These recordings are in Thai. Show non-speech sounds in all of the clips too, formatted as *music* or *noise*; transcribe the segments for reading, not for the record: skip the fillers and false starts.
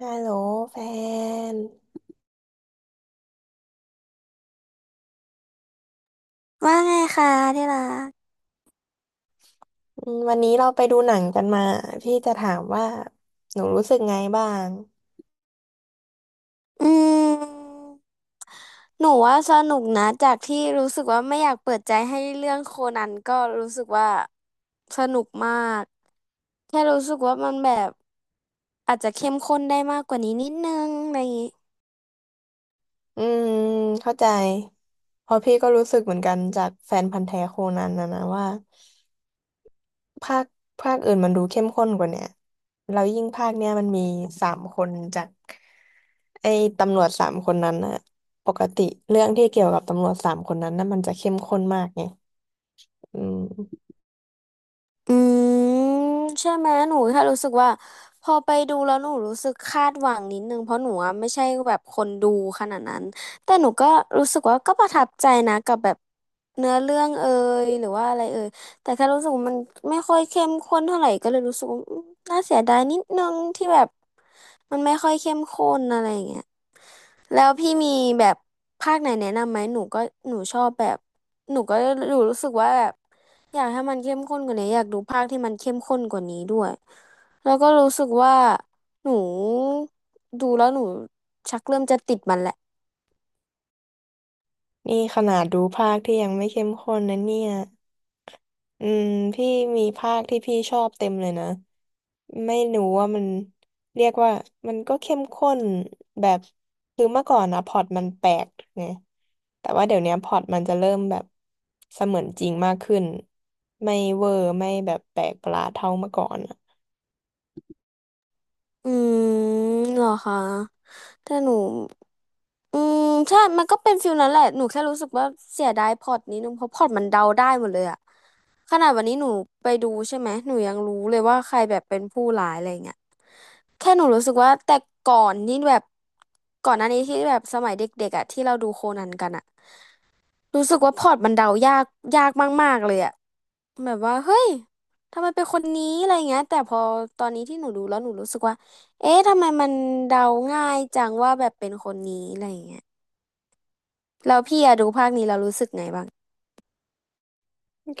ฮัลโหลแฟนว่าไงคะที่รัก อืมวันนี้เราไปดูหนังกันมาพี่จะถามว่าหนูรู้สึกไงบ้างอืมหนูว่าสนุกนะ จากที่รู้สึกว่าไม่อยากเปิดใจให้เรื่องโคนันก็รู้สึกว่าสนุกมากแค่รู้สึกว่ามันแบบอาจจะเข้มข้นได้มากกว่านี้นิดนึงอะไรอย่างงี้ อืมเข้าใจเพราะพี่ก็รู้สึกเหมือนกันจากแฟนพันธุ์แท้โคนันนะนะว่าภาคภาคอื่นมันดูเข้มข้นกว่าเนี่ยแล้วยิ่งภาคเนี้ยมันมีสามคนจากไอ้ตำรวจสามคนนั้นน่ะปกติเรื่องที่เกี่ยวกับตำรวจสามคนนั้นน่ะมันจะเข้มข้นมากไงอืมอืมใช่ไหมหนูแค่รู้สึกว่าพอไปดูแล้วหนูรู้สึกคาดหวังนิดนึงเพราะหนูอะไม่ใช่แบบคนดูขนาดนั้นแต่หนูก็รู้สึกว่าก็ประทับใจนะกับแบบเนื้อเรื่องเอ่ยหรือว่าอะไรเอ่ยแต่แค่รู้สึกว่ามันไม่ค่อยเข้มข้นเท่าไหร่ก็เลยรู้สึกว่าน่าเสียดายนิดนึงที่แบบมันไม่ค่อยเข้มข้นอะไรอย่างเงี้ยแล้วพี่มีแบบภาคไหนแนะนำไหมหนูก็หนูชอบแบบหนูก็หนูรู้สึกว่าแบบ อยากให้มันเข้มข้นกว่านี้อยากดูภาคที่มันเข้มข้นกว่านี้ด้วยแล้วก็รู้สึกว่าหนูดูแล้วหนูชักเริ่มจะติดมันแหละนี่ขนาดดูภาคที่ยังไม่เข้มข้นนะเนี่ย อืมพี่มีภาคที่พี่ชอบเต็มเลยนะไม่รู้ว่ามันเรียกว่ามันก็เข้มข้นแบบคือเมื่อก่อนนะพล็อตมันแปลกไงแต่ว่าเดี๋ยวเนี้ยพล็อตมันจะเริ่มแบบเสมือนจริงมากขึ้นไม่เวอร์ไม่แบบแปลกประหลาดเท่าเมื่อก่อน อืมเหรอคะแต่หนูอืมใช่มันก็เป็นฟิลนั้นแหละหนูแค่รู้สึกว่าเสียดายพล็อตนี้นึงเพราะพล็อตมันเดาได้หมดเลยอะขนาดวันนี้หนูไปดูใช่ไหมหนูยังรู้เลยว่าใครแบบเป็นผู้ร้ายอะไรเงี้ยแค่หนูรู้สึกว่าแต่ก่อนนี่แบบก่อนหน้านี้ที่แบบสมัยเด็กๆอะที่เราดูโคนันกันอะ รู้สึกว่าพอร์ตมันเดายากมากๆเลยอะแบบว่าเฮ้ยทำไมเป็นคนนี้อะไรเงี้ยแต่พอตอนนี้ที่หนูดูแล้วหนูรู้สึกว่าเอ๊ะทำไมมันเดาง่ายจังว่าแบบเป็นคนนี้อะไรเงี้ยแล้วพี่อะดูภาคนี้เรารู้สึกไงบ้าง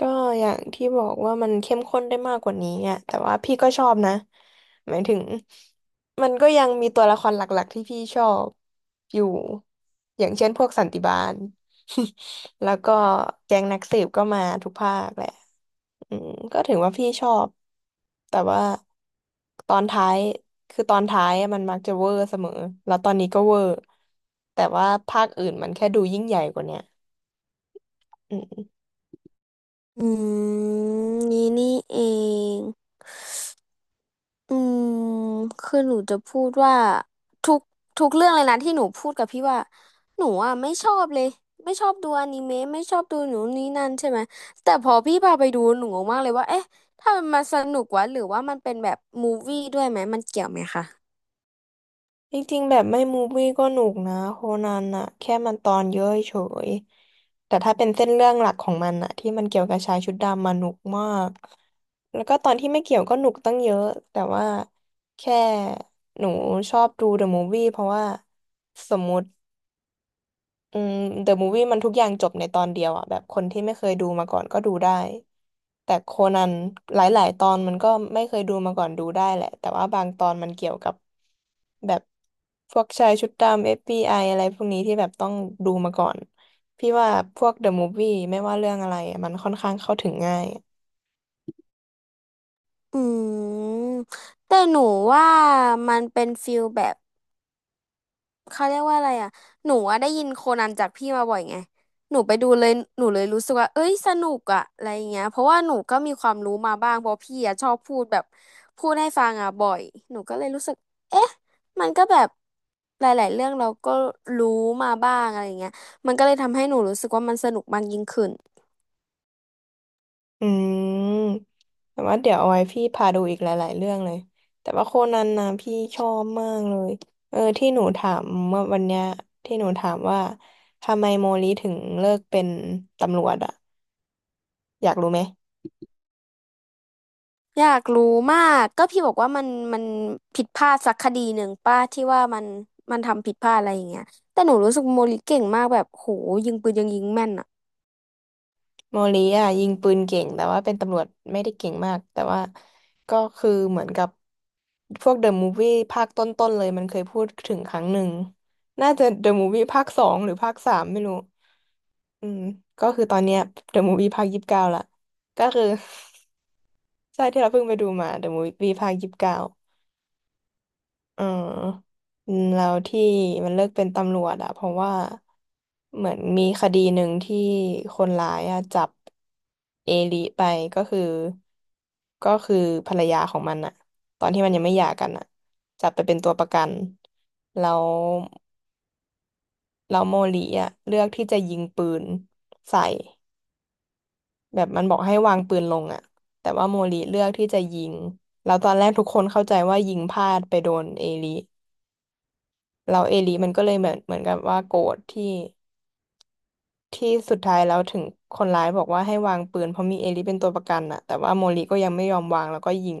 ก็อย่างที่บอกว่ามันเข้มข้นได้มากกว่านี้อ่ะแต่ว่าพี่ก็ชอบนะหมายถึงมันก็ยังมีตัวละครหลักๆที่พี่ชอบอยู่อย่างเช่นพวกสันติบาล *laughs* แล้วก็แก๊งนักสืบก็มาทุกภาคแหละอืมก็ถือว่าพี่ชอบแต่ว่าตอนท้ายคือตอนท้ายอะมันมักจะเวอร์เสมอแล้วตอนนี้ก็เวอร์แต่ว่าภาคอื่นมันแค่ดูยิ่งใหญ่กว่าเนี้ยอืม อืมนี่นี่เอง อืมคือหนูจะพูดว่าทุกทุกเรื่องเลยนะที่หนูพูดกับพี่ว่าหนูอ่ะไม่ชอบเลยไม่ชอบดูอนิเมะไม่ชอบดูหนูนนี่นั่นใช่ไหมแต่พอพี่พาไปดูหนูงงมากเลยว่าเอ๊ะถ้ามันมาสนุกวะหรือว่ามันเป็นแบบมูฟวี่ด้วยไหมมันเกี่ยวไหมคะจริงๆแบบไม่มูฟวี่ก็หนุกนะโคนันอะแค่มันตอนเยอะเฉยแต่ถ้าเป็นเส้นเรื่องหลักของมันอะที่มันเกี่ยวกับชายชุดดำมาหนุกมากแล้วก็ตอนที่ไม่เกี่ยวก็หนุกตั้งเยอะแต่ว่าแค่หนูชอบดูเดอะมูฟวี่เพราะว่าสมมุติ อืม The Movie มันทุกอย่างจบในตอนเดียวอ่ะแบบคนที่ไม่เคยดูมาก่อนก็ดูได้แต่โคนันหลายๆตอนมันก็ไม่เคยดูมาก่อนดูได้แหละแต่ว่าบางตอนมันเกี่ยวกับแบบพวกชายชุดดำ FBI อฟบีไออะไรพวกนี้ที่แบบต้องดูมาก่อนพี่ว่าพวก The Movie ไม่ว่าเรื่องอะไรมันค่อนข้างเข้าถึงง่าย อืมแต่หนูว่ามันเป็นฟิลแบบ เขาเรียกว่าอะไรอ่ะหนูอะได้ยินโคนันจากพี่มาบ่อยไงหนูไปดูเลยหนูเลยรู้สึกว่าเอ้ยสนุกอ่ะอะไรอย่างเงี้ยเพราะว่าหนูก็มีความรู้มาบ้างเพราะพี่อ่ะชอบพูดแบบพูดให้ฟังอ่ะบ่อยหนูก็เลยรู้สึกเอ๊ะมันก็แบบหลายๆเรื่องเราก็รู้มาบ้างอะไรอย่างเงี้ยมันก็เลยทำให้หนูรู้สึกว่ามันสนุกมากยิ่งขึ้น อืมแต่ว่าเดี๋ยวเอาไว้พี่พาดูอีกหลายๆเรื่องเลยแต่ว่าโคนันนะพี่ชอบมากเลยเออที่หนูถามเมื่อวันเนี้ยที่หนูถามว่าทำไมโมลิถึงเลิกเป็นตำรวจอะอยากรู้ไหม อยากรู้มากก็พี่บอกว่ามันผิดพลาดสักคดีหนึ่งป้าที่ว่ามันทำผิดพลาดอะไรอย่างเงี้ยแต่หนูรู้สึกโมลิเก่งมากแบบโหยิงปืนยังยิงแม่นอ่ะโมลีอ่ะยิงปืนเก่งแต่ว่าเป็นตำรวจไม่ได้เก่งมากแต่ว่าก็คือเหมือนกับพวกเดอะมูฟวี่ภาคต้นๆเลยมันเคยพูดถึงครั้งหนึ่งน่าจะเดอะมูฟวี่ภาคสองหรือภาคสามไม่รู้อืมก็คือตอนเนี้ยเดอะมูฟวี่ภาคยี่สิบเก้าละก็คือ *laughs* ใช่ที่เราเพิ่งไปดูมาเดอะมูฟวี่ภาคยี่สิบเก้า เอออืมแล้วที่มันเลิกเป็นตำรวจอะเพราะว่าเหมือนมีคดีหนึ่งที่คนร้ายอะจับเอลิไปก็คือก็คือภรรยาของมันอะตอนที่มันยังไม่หย่ากันอะจับไปเป็นตัวประกันแล้วแล้วโมลิอะเลือกที่จะยิงปืนใส่แบบมันบอกให้วางปืนลงอะแต่ว่าโมลิเลือกที่จะยิงแล้วตอนแรกทุกคนเข้าใจว่ายิงพลาดไปโดนเอลิ แล้วเอลิมันก็เลยเหมือนกับว่าโกรธที่ที่สุดท้ายแล้วถึงคนร้ายบอกว่าให้วางปืนเพราะมีเอลิเป็นตัวประกันน่ะแต่ว่าโมริก็ยังไม่ยอมวางแล้วก็ยิง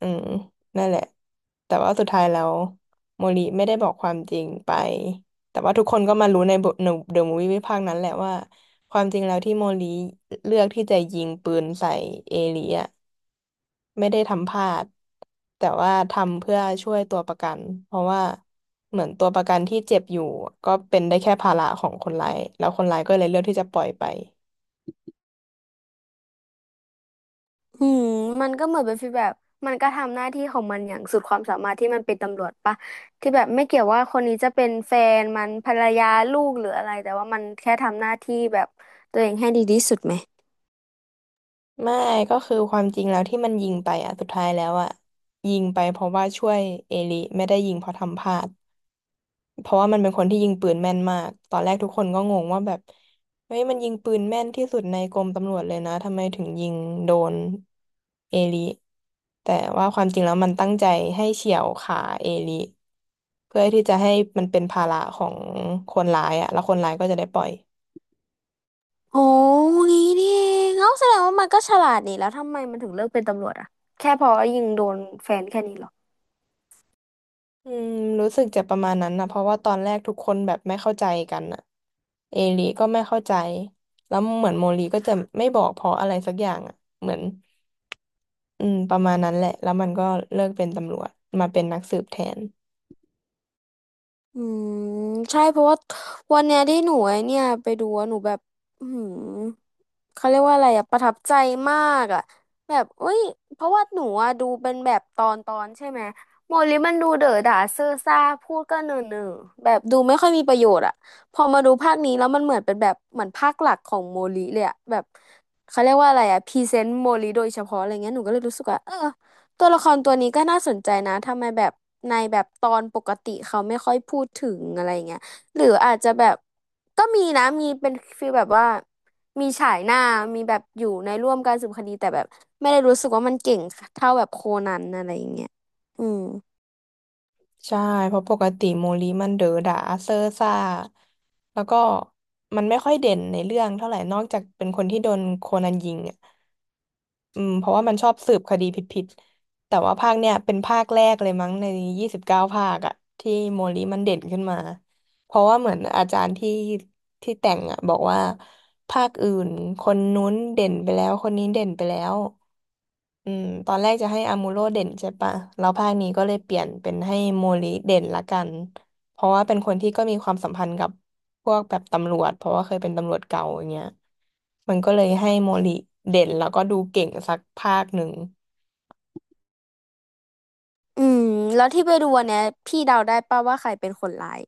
อืมนั่นแหละแต่ว่าสุดท้ายแล้วโมริไม่ได้บอกความจริงไปแต่ว่าทุกคนก็มารู้ในบทในเดอะมูฟวี่ภาคนั้นแหละว่าความจริงแล้วที่โมริเลือกที่จะยิงปืนใส่เอลิอะ ไม่ได้ทำพลาดแต่ว่าทำเพื่อช่วยตัวประกันเพราะว่าเหมือนตัวประกันที่เจ็บอยู่ก็เป็นได้แค่ภาระของคนร้ายแล้วคนร้ายก็เลยเลือกที่จะปล่อยไปอืมมันก็เหมือนเป็นฟีลแบบมันก็ทำหน้าที่ของมันอย่างสุดความสามารถที่มันเป็นตำรวจปะที่แบบไม่เกี่ยวว่าคนนี้จะเป็นแฟนมันภรรยาลูกหรืออะไรแต่ว่ามันแค่ทำหน้าที่แบบตัวเองให้ดีที่สุดไหมไม่ก็คือความจริงแล้วที่มันยิงไปอ่ะสุดท้ายแล้วอ่ะยิงไปเพราะว่าช่วยเอลิไม่ได้ยิงเพราะทำพลาด เพราะว่ามันเป็นคนที่ยิงปืนแม่นมากตอนแรกทุกคนก็งงว่าแบบเฮ้ยมันยิงปืนแม่นที่สุดในกรมตำรวจเลยนะทำไมถึงยิงโดนเอลิแต่ว่าความจริงแล้วมันตั้งใจให้เฉี่ยวขาเอลิเพื่อที่จะให้มันเป็นภาระของคนร้ายอะแล้วคนร้ายก็จะได้ปล่อยโอ้งี้นี่เองเอ้าแสดงว่ามันก็ฉลาดนี่แล้วทำไมมันถึงเลือกเป็นตำรวจอะแค่เพอยิงโดนแฟนแค่นี้เหรอ อืมรู้สึกจะประมาณนั้นนะเพราะว่าตอนแรกทุกคนแบบไม่เข้าใจกันอะเอลิก็ไม่เข้าใจแล้วเหมือนโมลีก็จะไม่บอกเพราะอะไรสักอย่างอะเหมือน อืมประมาณนั้นแหละแล้วมันก็เลิกเป็นตำรวจมาเป็นนักสืบแทนอืมใช่เพราะว่าวันเนี้ยที่หนูไอ้เนี่ยไปดูอะหนูแบบอืมเขาเรียกว่าอะไรอะประทับใจมากอะแบบเอ้ยเพราะว่าหนูอะดูเป็นแบบตอนตอนใช่ไหมโมลิมันดูเด๋อด่าเซอ่อซ่าพูดก็เนอเนอแบบดูไม่ค่อยมีประโยชน์อะพอมาดูภาคนี้แล้วมันเหมือนเป็นแบบเหมือนภาคหลักของโมลิเลยอะแบบเขาเรียกว่าอะไรอะพรีเซนต์โมลิโดยเฉพาะอะไรเงี้ยหนูก็เลยรู้สึกว่าเออ ตัวละครตัวนี้ก็น่าสนใจนะทำไมแบบในแบบตอนปกติเขาไม่ค่อยพูดถึงอะไรเงี้ยหรืออาจจะแบบก็มีนะมีเป็นฟีลแบบว่ามีฉายหน้ามีแบบอยู่ในร่วมการสืบคดีแต่แบบไม่ได้รู้สึกว่ามันเก่งเท่าแบบโคนันอะไรอย่างเงี้ยอืมใช่เพราะปกติโมลีมันเด๋อด่าเซ่อซ่าแล้วก็มันไม่ค่อยเด่นในเรื่องเท่าไหร่นอกจากเป็นคนที่โดนโคนันยิงอ่ะอืมเพราะว่ามันชอบสืบคดีผิดๆแต่ว่าภาคเนี้ยเป็นภาคแรกเลยมั้งใน29ภาคอ่ะที่โมลีมันเด่นขึ้นมาเพราะว่าเหมือนอาจารย์ที่แต่งอ่ะบอกว่าภาคอื่นคนนู้นเด่นไปแล้วคนนี้เด่นไปแล้ว อืมตอนแรกจะให้อามูโร่เด่นใช่ปะแล้วภาคนี้ก็เลยเปลี่ยนเป็นให้โมริเด่นละกันเพราะว่าเป็นคนที่ก็มีความสัมพันธ์กับพวกแบบตำรวจเพราะว่าเคยเป็นตำรวจเก่าอย่างเงี้ยมันก็เลยให้โมริเด่นแล้วก็ดูเก่งสักภาคหนึ่งอืมแล้วที่ไปดูอันเนี้ยพี่เดาได้ป่ะว่าใครเป็นคนร้าย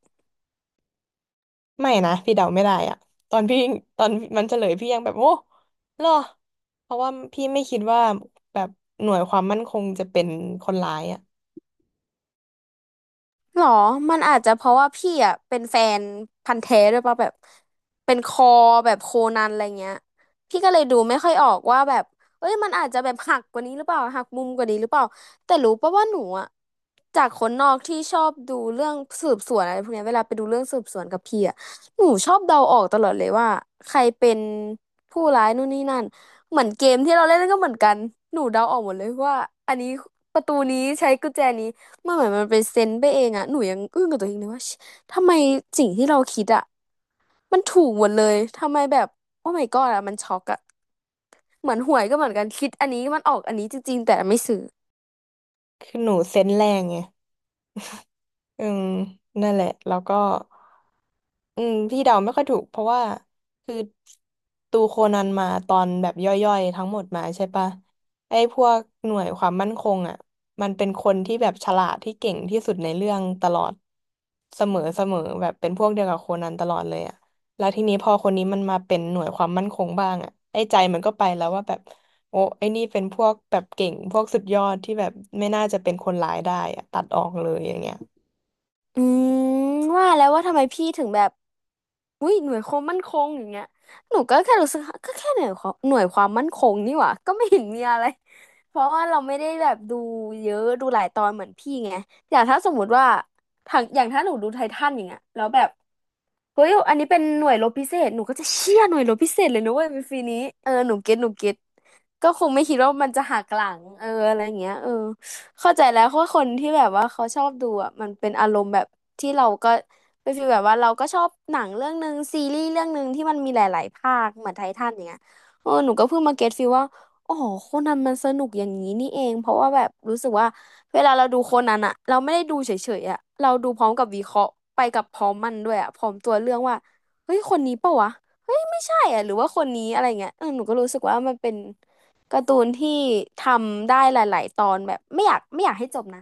ไม่นะพี่เดาไม่ได้อะตอนพี่ตอนมันเฉลยพี่ยังแบบโอ้เหรอเพราะว่าพี่ไม่คิดว่าแบบหน่วยความมั่นคงจะเป็นคนร้ายอะหรอมันอาจจะเพราะว่าพี่อ่ะเป็นแฟนพันธุ์แท้ด้วยป่ะแบบเป็นคอแบบโคนันอะไรเงี้ยพี่ก็เลยดูไม่ค่อยออกว่าแบบเอ้ยมันอาจจะแบบหักกว่านี้หรือเปล่าหักมุมกว่านี้หรือเปล่าแต่รู้ป่ะว่าหนูอ่ะจากคนนอกที่ชอบดูเรื่องสืบสวนอะไรพวกเนี้ยเวลาไปดูเรื่องสืบสวนกับพี่อ่ะหนูชอบเดาออกตลอดเลยว่าใครเป็นผู้ร้ายนู่นนี่นั่นเหมือนเกมที่เราเล่นก็เหมือนกันหนูเดาออกหมดเลยว่าอันนี้ประตูนี้ใช้กุญแจนี้ มันเหมือนมันเป็นเซนส์ไปเองอะหนูยังอึ้งกับตัวเองเลยว่าชิทำไมสิ่งที่เราคิดอะมันถูกหมดเลยทำไมแบบโอ้ my god อะมันช็อกอะเหมือนหวยก็เหมือนกันคิดอันนี้มันออกอันนี้จริงๆแต่ไม่ซื้อคือหนูเซนส์แรงไง อืมนั่นแหละแล้วก็อืมพี่เดาไม่ค่อยถูกเพราะว่าคือตูโคนันมาตอนแบบย่อยๆทั้งหมดมาใช่ปะไอ้พวกหน่วยความมั่นคงอ่ะมันเป็นคนที่แบบฉลาดที่เก่งที่สุดในเรื่องตลอดเสมอเสมอแบบเป็นพวกเดียวกับโคนันตลอดเลยอ่ะแล้วทีนี้พอคนนี้มันมาเป็นหน่วยความมั่นคงบ้างอ่ะไอ้ใจมันก็ไปแล้วว่าแบบโอ้ไอ้นี่เป็นพวกแบบเก่งพวกสุดยอดที่แบบไม่น่าจะเป็นคนร้ายได้อะตัดออกเลยอย่างเงี้ย อืมว่าแล้วว่าทำไมพี่ถึงแบบอุ้ยหน่วยความมั่นคงอย่างเงี้ยหนูก็แค่รู้สึกก็แค่หน่วยความมั่นคงนี่หว่าก็ไม่เห็นมีอะไรเพราะว่าเราไม่ได้แบบดูเยอะดูหลายตอนเหมือนพี่ไงอย่างถ้าสมมติว่าทางอย่างถ้าหนูดูไททันอย่างเงี้ยแล้วแบบ เฮ้ยอันนี้เป็นหน่วยรบพิเศษหนูก็จะเชี่ยหน่วยรบพิเศษเลยนะเว้ยเป็นฟรีนี้เออหนูเก็ตก็คงไม่คิดว่ามันจะหักหลังเอออะไรอย่างเงี้ยเออเข้าใจแล้วเพราะว่าคนที่แบบว่าเขาชอบดูอ่ะมันเป็นอารมณ์แบบที่เราก็เป็นฟีลแบบว่าเราก็ชอบหนังเรื่องหนึ่งซีรีส์เรื่องหนึ่งที่มันมีหลายๆภาคเหมือนไททันอย่างเงี้ยเออหนูก็เพิ่งมาเก็ตฟีลว่า อ๋อโคนันมันสนุกอย่างนี้นี่เองเพราะว่าแบบรู้สึกว่าเวลาเราดูโคนันอะเราไม่ได้ดูเฉยๆอะเราดูพร้อมกับวิเคราะห์ไปกับพร้อมมันด้วยอะพร้อมตัวเรื่องว่าเฮ้ยคนนี้เปล่าวะเฮ้ยไม่ใช่อะหรือว่าคนนี้อะไรเงี้ยเออหนูก็รู้สึกว่ามันเป็นการ์ตูนที่ทำได้หลายๆตอนแบบไม่อยากให้จบนะ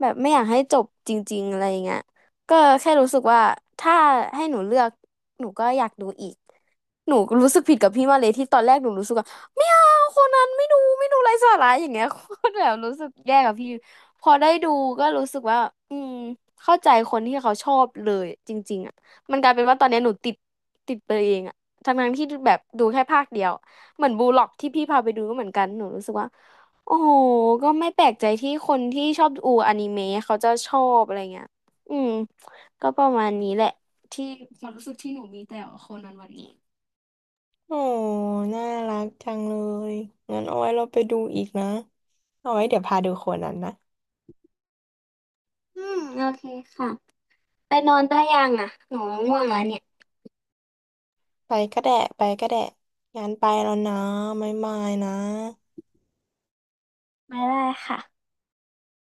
แบบไม่อยากให้จบจริงๆอะไรอย่างเงี้ยก็แค่รู้สึกว่าถ้าให้หนูเลือกหนูก็อยากดูอีกหนูรู้สึกผิดกับพี่มาเลยที่ตอนแรกหนูรู้สึกว่าไม่เอาคนนั้นไม่ดูไร้สาระอย่างเงี้ย *laughs* โคตรแบบรู้สึกแย่กับพี่พอได้ดูก็รู้สึกว่าอืมเข้าใจคนที่เขาชอบเลยจริงๆอ่ะมันกลายเป็นว่าตอนเนี้ยหนูติดไปเองอ่ะทั้งๆที่แบบดูแค่ภาคเดียวเหมือนบูล็อกที่พี่พาไปดูก็เหมือนกันหนูรู้สึกว่า โอ้โห ก็ไม่แปลกใจที่คนที่ชอบดูอนิเมะเขาจะชอบอะไรเงี้ยอืม ก็ประมาณนี้แหละที่ความรู้สึกที่หนูมีแต่โคนันวันนี้ โอ้น่ารักจังเลยงั้นเอาไว้เราไปดูอีกนะ เอาไว้เดี๋ยวพาดูคนนั้นนะ อืม โอเคค่ะไปนอนได้ยังอ่ะหนูง่วงแล้วเนี่ยไปก็แดะไปก็แดะงั้นไปแล้วนะไมายมายนะไม่ได้ค่ะ